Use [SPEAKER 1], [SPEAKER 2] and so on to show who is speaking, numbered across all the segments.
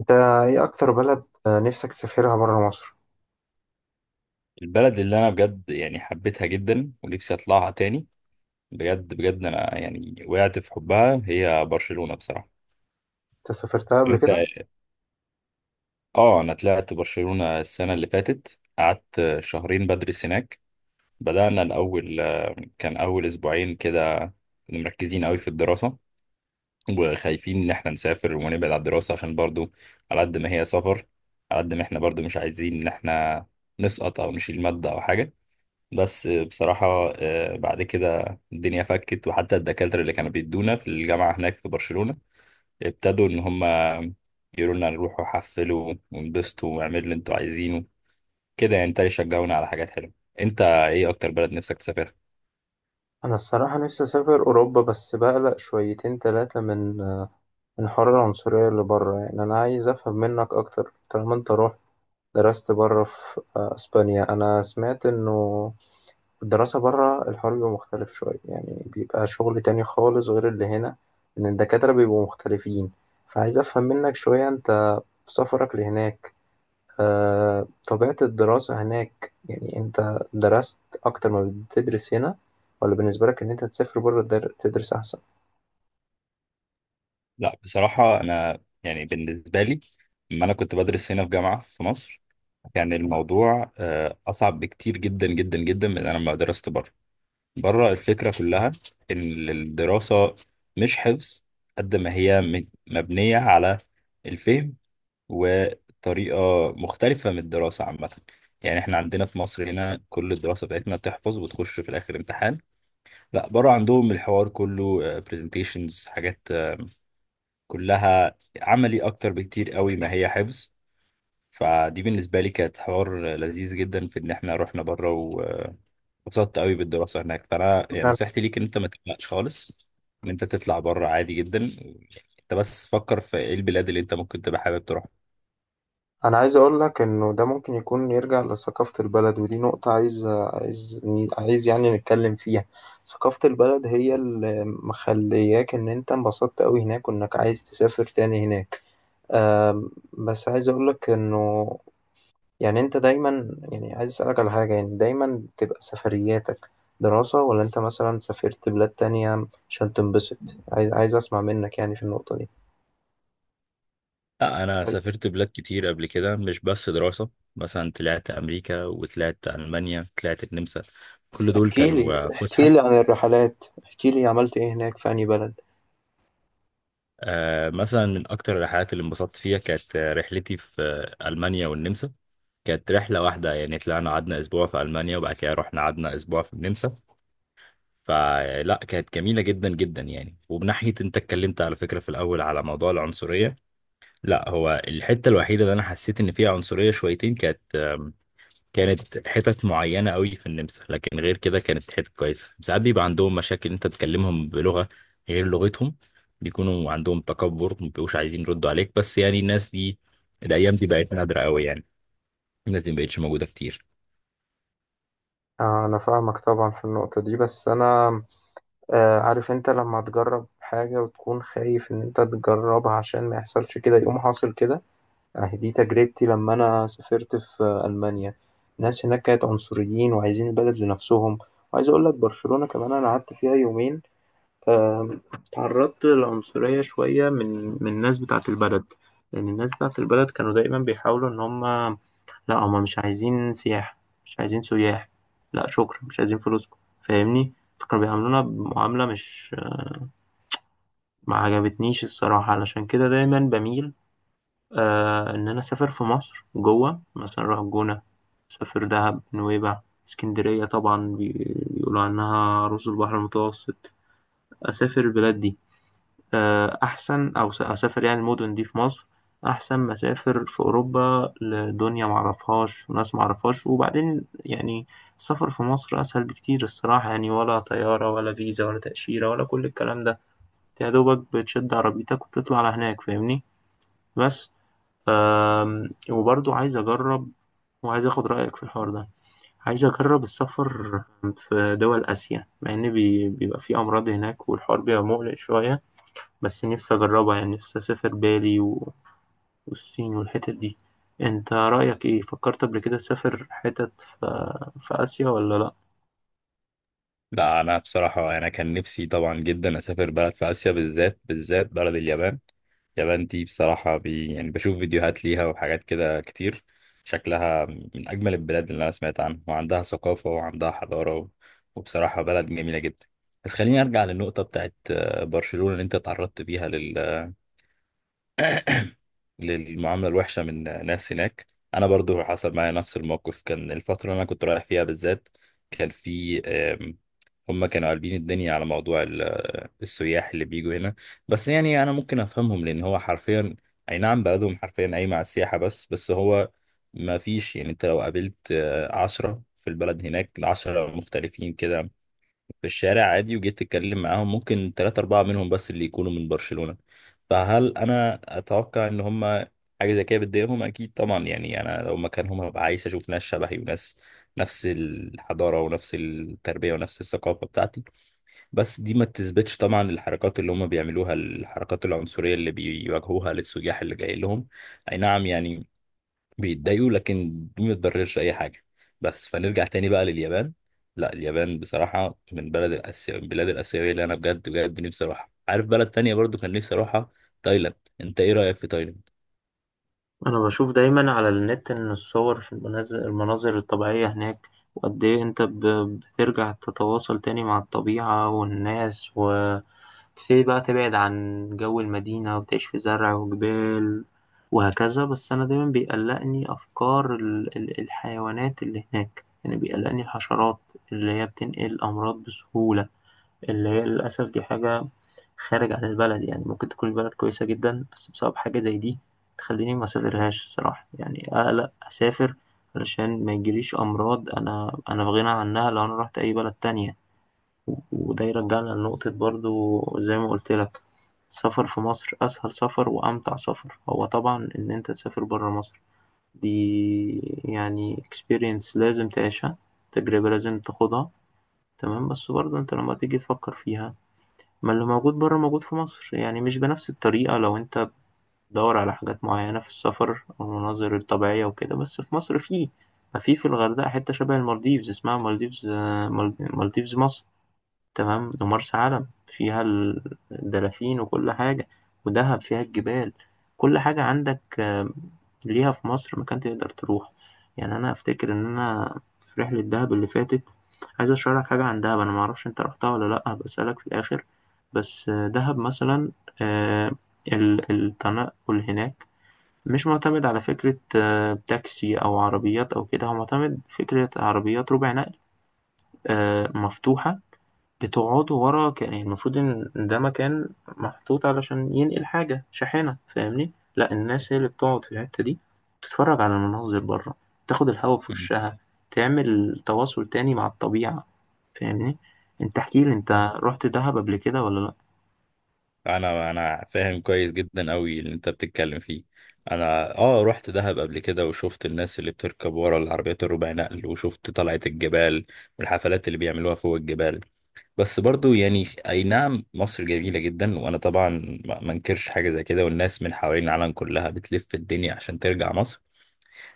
[SPEAKER 1] انت ايه اكتر بلد نفسك تسافرها بره مصر؟
[SPEAKER 2] البلد اللي انا بجد يعني حبيتها جدا ونفسي اطلعها تاني. بجد بجد انا يعني وقعت في حبها، هي برشلونة بصراحة.
[SPEAKER 1] انت سافرتها قبل
[SPEAKER 2] انت؟
[SPEAKER 1] كده؟
[SPEAKER 2] اه، انا طلعت برشلونة السنة اللي فاتت، قعدت شهرين بدرس هناك. بدأنا الاول، كان اول اسبوعين كده كنا مركزين قوي في الدراسة وخايفين ان احنا نسافر ونبعد عن الدراسة، عشان برضو على قد ما هي سفر، على قد ما احنا برضو مش عايزين ان احنا نسقط او نشيل مادة او حاجة. بس بصراحة بعد كده الدنيا فكت، وحتى الدكاترة اللي كانوا بيدونا في الجامعة هناك في برشلونة ابتدوا إن هم يقولوا لنا نروحوا حفلوا وانبسطوا واعملوا اللي انتوا عايزينه، كده يعني ابتدوا يشجعونا على حاجات حلوة. انت ايه أكتر بلد نفسك تسافرها؟
[SPEAKER 1] انا الصراحه نفسي اسافر اوروبا، بس بقلق شويتين ثلاثه من حوار العنصريه اللي بره. يعني انا عايز افهم منك اكتر، طالما انت رحت درست بره في اسبانيا. انا سمعت انه الدراسه بره الحوار بيبقى مختلف شويه، يعني بيبقى شغل تاني خالص غير اللي هنا، ان الدكاتره بيبقوا مختلفين. فعايز افهم منك شويه انت في سفرك لهناك طبيعة الدراسة هناك. يعني أنت درست أكتر ما بتدرس هنا، ولا بالنسبة لك إن أنت تسافر بره تدرس أحسن؟
[SPEAKER 2] لا بصراحة أنا يعني بالنسبة لي لما أنا كنت بدرس هنا في جامعة في مصر كان الموضوع أصعب بكتير جدا جدا جدا من أنا لما درست بره. بره الفكرة كلها إن الدراسة مش حفظ، قد ما هي مبنية على الفهم، وطريقة مختلفة من الدراسة عامة. يعني احنا عندنا في مصر هنا كل الدراسة بتاعتنا بتحفظ وتخش في الآخر امتحان. لا، بره عندهم الحوار كله برزنتيشنز، حاجات كلها عملي أكتر بكتير قوي ما هي حفظ. فدي بالنسبة لي كانت حوار لذيذ جدا في إن احنا رحنا بره، اتبسطت قوي بالدراسه هناك. فانا يعني
[SPEAKER 1] أنا
[SPEAKER 2] نصيحتي ليك ان انت ما تقلقش خالص ان انت تطلع بره، عادي جدا. انت بس فكر في ايه البلاد اللي انت ممكن تبقى حابب تروح.
[SPEAKER 1] أنا عايز أقول لك إنه ده ممكن يكون يرجع لثقافة البلد، ودي نقطة عايز يعني نتكلم فيها. ثقافة البلد هي اللي مخلياك إن أنت انبسطت أوي هناك، وإنك عايز تسافر تاني هناك. بس عايز أقول لك إنه يعني انت دايما، يعني عايز اسألك على حاجة، يعني دايما بتبقى سفرياتك دراسة، ولا انت مثلا سافرت بلاد تانية عشان تنبسط؟ عايز اسمع منك يعني في النقطة دي.
[SPEAKER 2] لا انا سافرت بلاد كتير قبل كده مش بس دراسه، مثلا طلعت امريكا وطلعت المانيا، طلعت النمسا، كل دول
[SPEAKER 1] احكي لي،
[SPEAKER 2] كانوا
[SPEAKER 1] احكي
[SPEAKER 2] فسحه.
[SPEAKER 1] لي عن الرحلات، احكي لي عملت ايه هناك في أي بلد.
[SPEAKER 2] مثلا من اكتر الرحلات اللي انبسطت فيها كانت رحلتي في المانيا والنمسا. كانت رحله واحده، يعني طلعنا قعدنا اسبوع في المانيا وبعد كده رحنا قعدنا اسبوع في النمسا. فلا كانت جميلة جدا جدا، يعني وبناحية انت اتكلمت على فكرة في الأول على موضوع العنصرية، لا هو الحتة الوحيدة اللي أنا حسيت إن فيها عنصرية شويتين كانت كانت حتت معينة قوي في النمسا، لكن غير كده كانت حتت كويسة. ساعات بيبقى عندهم مشاكل انت تكلمهم بلغة غير لغتهم، بيكونوا عندهم تكبر، مبيبقوش عايزين يردوا عليك، بس يعني الناس دي الأيام دي بقت نادرة قوي يعني، الناس دي مبقتش موجودة كتير.
[SPEAKER 1] انا فاهمك طبعا في النقطة دي، بس انا عارف انت لما تجرب حاجة وتكون خايف ان انت تجربها عشان ما يحصلش كده، يقوم حاصل كده. أهي دي تجربتي لما أنا سافرت في ألمانيا، الناس هناك كانت عنصريين وعايزين البلد لنفسهم. وعايز أقول لك برشلونة كمان أنا قعدت فيها يومين، آم، تعرضت للعنصرية شوية من الناس بتاعة البلد. لأن الناس بتاعة البلد كانوا دايما بيحاولوا إن هم، لا هم مش عايزين سياح، مش عايزين سياح، لا شكرا مش عايزين فلوسكم. فاهمني؟ فكانوا بيعاملونا بمعاملة مش، ما عجبتنيش الصراحة. علشان كده دايما بميل آه إن أنا أسافر في مصر جوه، مثلا أروح الجونة، أسافر دهب، نويبع، اسكندرية طبعا بيقولوا عنها رز البحر المتوسط. أسافر البلاد دي آه أحسن، أو أسافر يعني المدن دي في مصر أحسن ما أسافر في أوروبا، لدنيا معرفهاش وناس معرفهاش. وبعدين يعني السفر في مصر أسهل بكتير الصراحة، يعني ولا طيارة ولا فيزا ولا تأشيرة ولا كل الكلام ده، يا دوبك بتشد عربيتك وتطلع على هناك. فاهمني؟ بس وبرضو عايز أجرب، وعايز أخد رأيك في الحوار ده. عايز أجرب السفر في دول آسيا، مع إن بيبقى في أمراض هناك والحوار بيبقى مقلق شوية، بس نفسي أجربها. يعني نفسي أسافر بالي و والصين والحتت دي. أنت رأيك إيه؟ فكرت قبل كده تسافر حتت في في آسيا ولا لأ؟
[SPEAKER 2] لا انا بصراحه انا كان نفسي طبعا جدا اسافر بلد في اسيا، بالذات بالذات بلد اليابان. اليابان دي بصراحه يعني بشوف فيديوهات ليها وحاجات كده كتير، شكلها من اجمل البلاد اللي انا سمعت عنها، وعندها ثقافه وعندها حضاره وبصراحه بلد جميله جدا. بس خليني ارجع للنقطه بتاعت برشلونه اللي انت تعرضت فيها للمعاملة الوحشة من ناس هناك. أنا برضو حصل معايا نفس الموقف، كان الفترة اللي أنا كنت رايح فيها بالذات كان في هما كانوا قالبين الدنيا على موضوع السياح اللي بيجوا هنا. بس يعني أنا ممكن أفهمهم لأن هو حرفيا، أي نعم، بلدهم حرفيا أي مع السياحة، بس هو ما فيش، يعني أنت لو قابلت عشرة في البلد هناك العشرة مختلفين كده، في الشارع عادي وجيت تتكلم معاهم ممكن ثلاثة أربعة منهم بس اللي يكونوا من برشلونة. فهل أنا أتوقع إن هما حاجة زي كده بتضايقهم؟ أكيد طبعا، يعني أنا لو مكانهم هبقى عايز أشوف ناس شبهي وناس نفس الحضارة ونفس التربية ونفس الثقافة بتاعتي. بس دي ما تثبتش طبعا الحركات اللي هما بيعملوها، الحركات العنصرية اللي بيواجهوها للسياح اللي جاي لهم، أي نعم يعني بيتضايقوا لكن دي ما تبررش اي حاجه. بس فنرجع تاني بقى لليابان. لا، اليابان بصراحه من بلد الاسيا، البلاد الاسيويه اللي انا بجد بجد نفسي اروحها. عارف بلد تانية برضو كان نفسي اروحها؟ تايلاند. انت ايه رايك في تايلاند؟
[SPEAKER 1] أنا بشوف دايما على النت إن الصور في المناظر الطبيعية هناك، وقد إيه أنت بترجع تتواصل تاني مع الطبيعة والناس و تبتدي بقى تبعد عن جو المدينة وتعيش في زرع وجبال وهكذا. بس أنا دايما بيقلقني أفكار الحيوانات اللي هناك، يعني بيقلقني الحشرات اللي هي بتنقل أمراض بسهولة، اللي هي للأسف دي حاجة خارج عن البلد. يعني ممكن تكون البلد كويسة جدا، بس بسبب حاجة زي دي تخليني ما أسافرهاش الصراحة. يعني أقلق أسافر علشان ما يجيليش أمراض أنا في غنى عنها لو أنا رحت أي بلد تانية. وده يرجعنا لنقطة، برضو زي ما قلت لك، السفر في مصر أسهل سفر وأمتع سفر. هو طبعا إن أنت تسافر برا مصر دي، يعني experience لازم تعيشها، تجربة لازم تاخدها، تمام. بس برضو أنت لما تيجي تفكر فيها، ما اللي موجود برا موجود في مصر. يعني مش بنفس الطريقة لو أنت بتدور على حاجات معينة في السفر أو المناظر الطبيعية وكده، بس في مصر فيه، ما في في الغردقة حتة شبه المالديفز، اسمها مالديفز، مالديفز مصر، تمام. ومرسى علم فيها الدلافين وكل حاجة، ودهب فيها الجبال، كل حاجة عندك ليها في مصر مكان تقدر تروح. يعني أنا أفتكر إن أنا في رحلة دهب اللي فاتت، عايز أشرح لك حاجة عن دهب. أنا معرفش أنت رحتها ولا لأ، بسألك في الآخر. بس دهب مثلا، آه، التنقل هناك مش معتمد على فكرة تاكسي أو عربيات أو كده، هو معتمد فكرة عربيات ربع نقل، مفتوحة، بتقعدوا ورا يعني المفروض إن ده مكان محطوط علشان ينقل حاجة، شاحنة. فاهمني؟ لأ، الناس هي اللي بتقعد في الحتة دي، تتفرج على المناظر بره، تاخد الهوا في
[SPEAKER 2] مم.
[SPEAKER 1] وشها، تعمل تواصل تاني مع الطبيعة. فاهمني؟ أنت احكيلي،
[SPEAKER 2] فاهم.
[SPEAKER 1] أنت رحت دهب قبل كده ولا لأ؟
[SPEAKER 2] انا انا فاهم كويس جدا قوي اللي انت بتتكلم فيه. انا اه رحت دهب قبل كده وشفت الناس اللي بتركب ورا العربيات الربع نقل، وشفت طلعة الجبال والحفلات اللي بيعملوها فوق الجبال. بس برضو يعني اي نعم مصر جميلة جدا، وانا طبعا ما انكرش حاجة زي كده، والناس من حوالين العالم كلها بتلف الدنيا عشان ترجع مصر.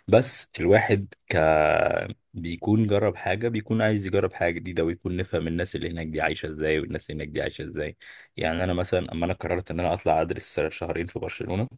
[SPEAKER 2] بس الواحد بيكون جرب حاجة، بيكون عايز يجرب حاجة جديدة، ويكون نفهم الناس اللي هناك دي عايشة ازاي والناس اللي هناك دي عايشة ازاي. يعني انا مثلا اما انا قررت ان انا اطلع ادرس شهرين في برشلونة،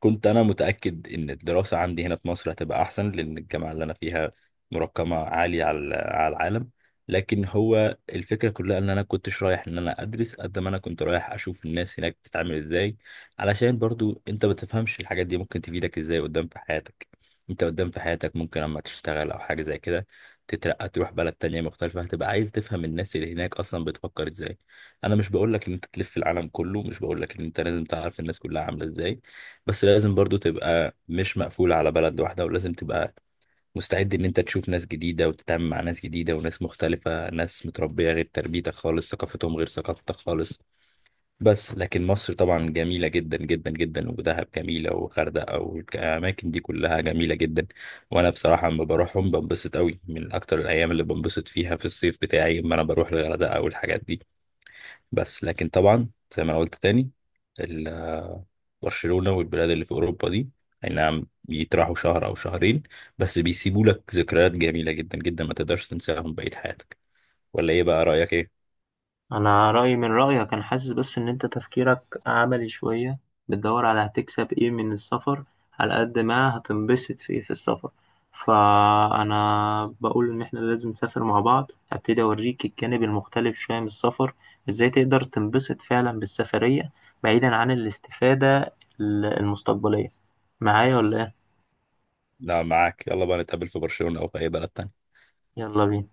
[SPEAKER 2] كنت انا متاكد ان الدراسه عندي هنا في مصر هتبقى احسن، لان الجامعه اللي انا فيها مرقمه عاليه على العالم. لكن هو الفكره كلها ان انا كنتش رايح ان انا ادرس قد ما انا كنت رايح اشوف الناس هناك بتتعامل ازاي، علشان برضو انت ما تفهمش الحاجات دي ممكن تفيدك ازاي قدام في حياتك. انت قدام في حياتك ممكن لما تشتغل او حاجه زي كده تترقى تروح بلد تانية مختلفة، هتبقى عايز تفهم الناس اللي هناك أصلا بتفكر إزاي. أنا مش بقولك إن أنت تلف العالم كله، مش بقولك إن أنت لازم تعرف الناس كلها عاملة إزاي، بس لازم برضو تبقى مش مقفول على بلد واحدة، ولازم تبقى مستعد ان انت تشوف ناس جديدة وتتعامل مع ناس جديدة وناس مختلفة، ناس متربية غير تربيتك خالص ثقافتهم غير ثقافتك خالص. بس لكن مصر طبعا جميلة جدا جدا جدا، ودهب جميلة وغردقة والأماكن دي كلها جميلة جدا. وأنا بصراحة لما بروحهم بنبسط قوي، من أكتر الأيام اللي بنبسط فيها في الصيف بتاعي لما أنا بروح الغردقة والحاجات دي. بس لكن طبعا زي ما انا قلت تاني، ال- برشلونة والبلاد اللي في اوروبا دي اي نعم بيتراحوا شهر او شهرين، بس بيسيبوا لك ذكريات جميلة جدا جدا ما تقدرش تنساهم بقية حياتك. ولا ايه بقى رأيك ايه؟
[SPEAKER 1] انا رايي من رايك، انا حاسس بس ان انت تفكيرك عملي شويه، بتدور على هتكسب ايه من السفر على قد ما هتنبسط في ايه في السفر. فانا بقول ان احنا لازم نسافر مع بعض، هبتدي اوريك الجانب المختلف شويه من السفر، ازاي تقدر تنبسط فعلا بالسفريه بعيدا عن الاستفاده المستقبليه. معايا ولا ايه؟
[SPEAKER 2] لا معاك، يلا بقى نتقابل في برشلونة او في اي بلد تاني.
[SPEAKER 1] يلا بينا.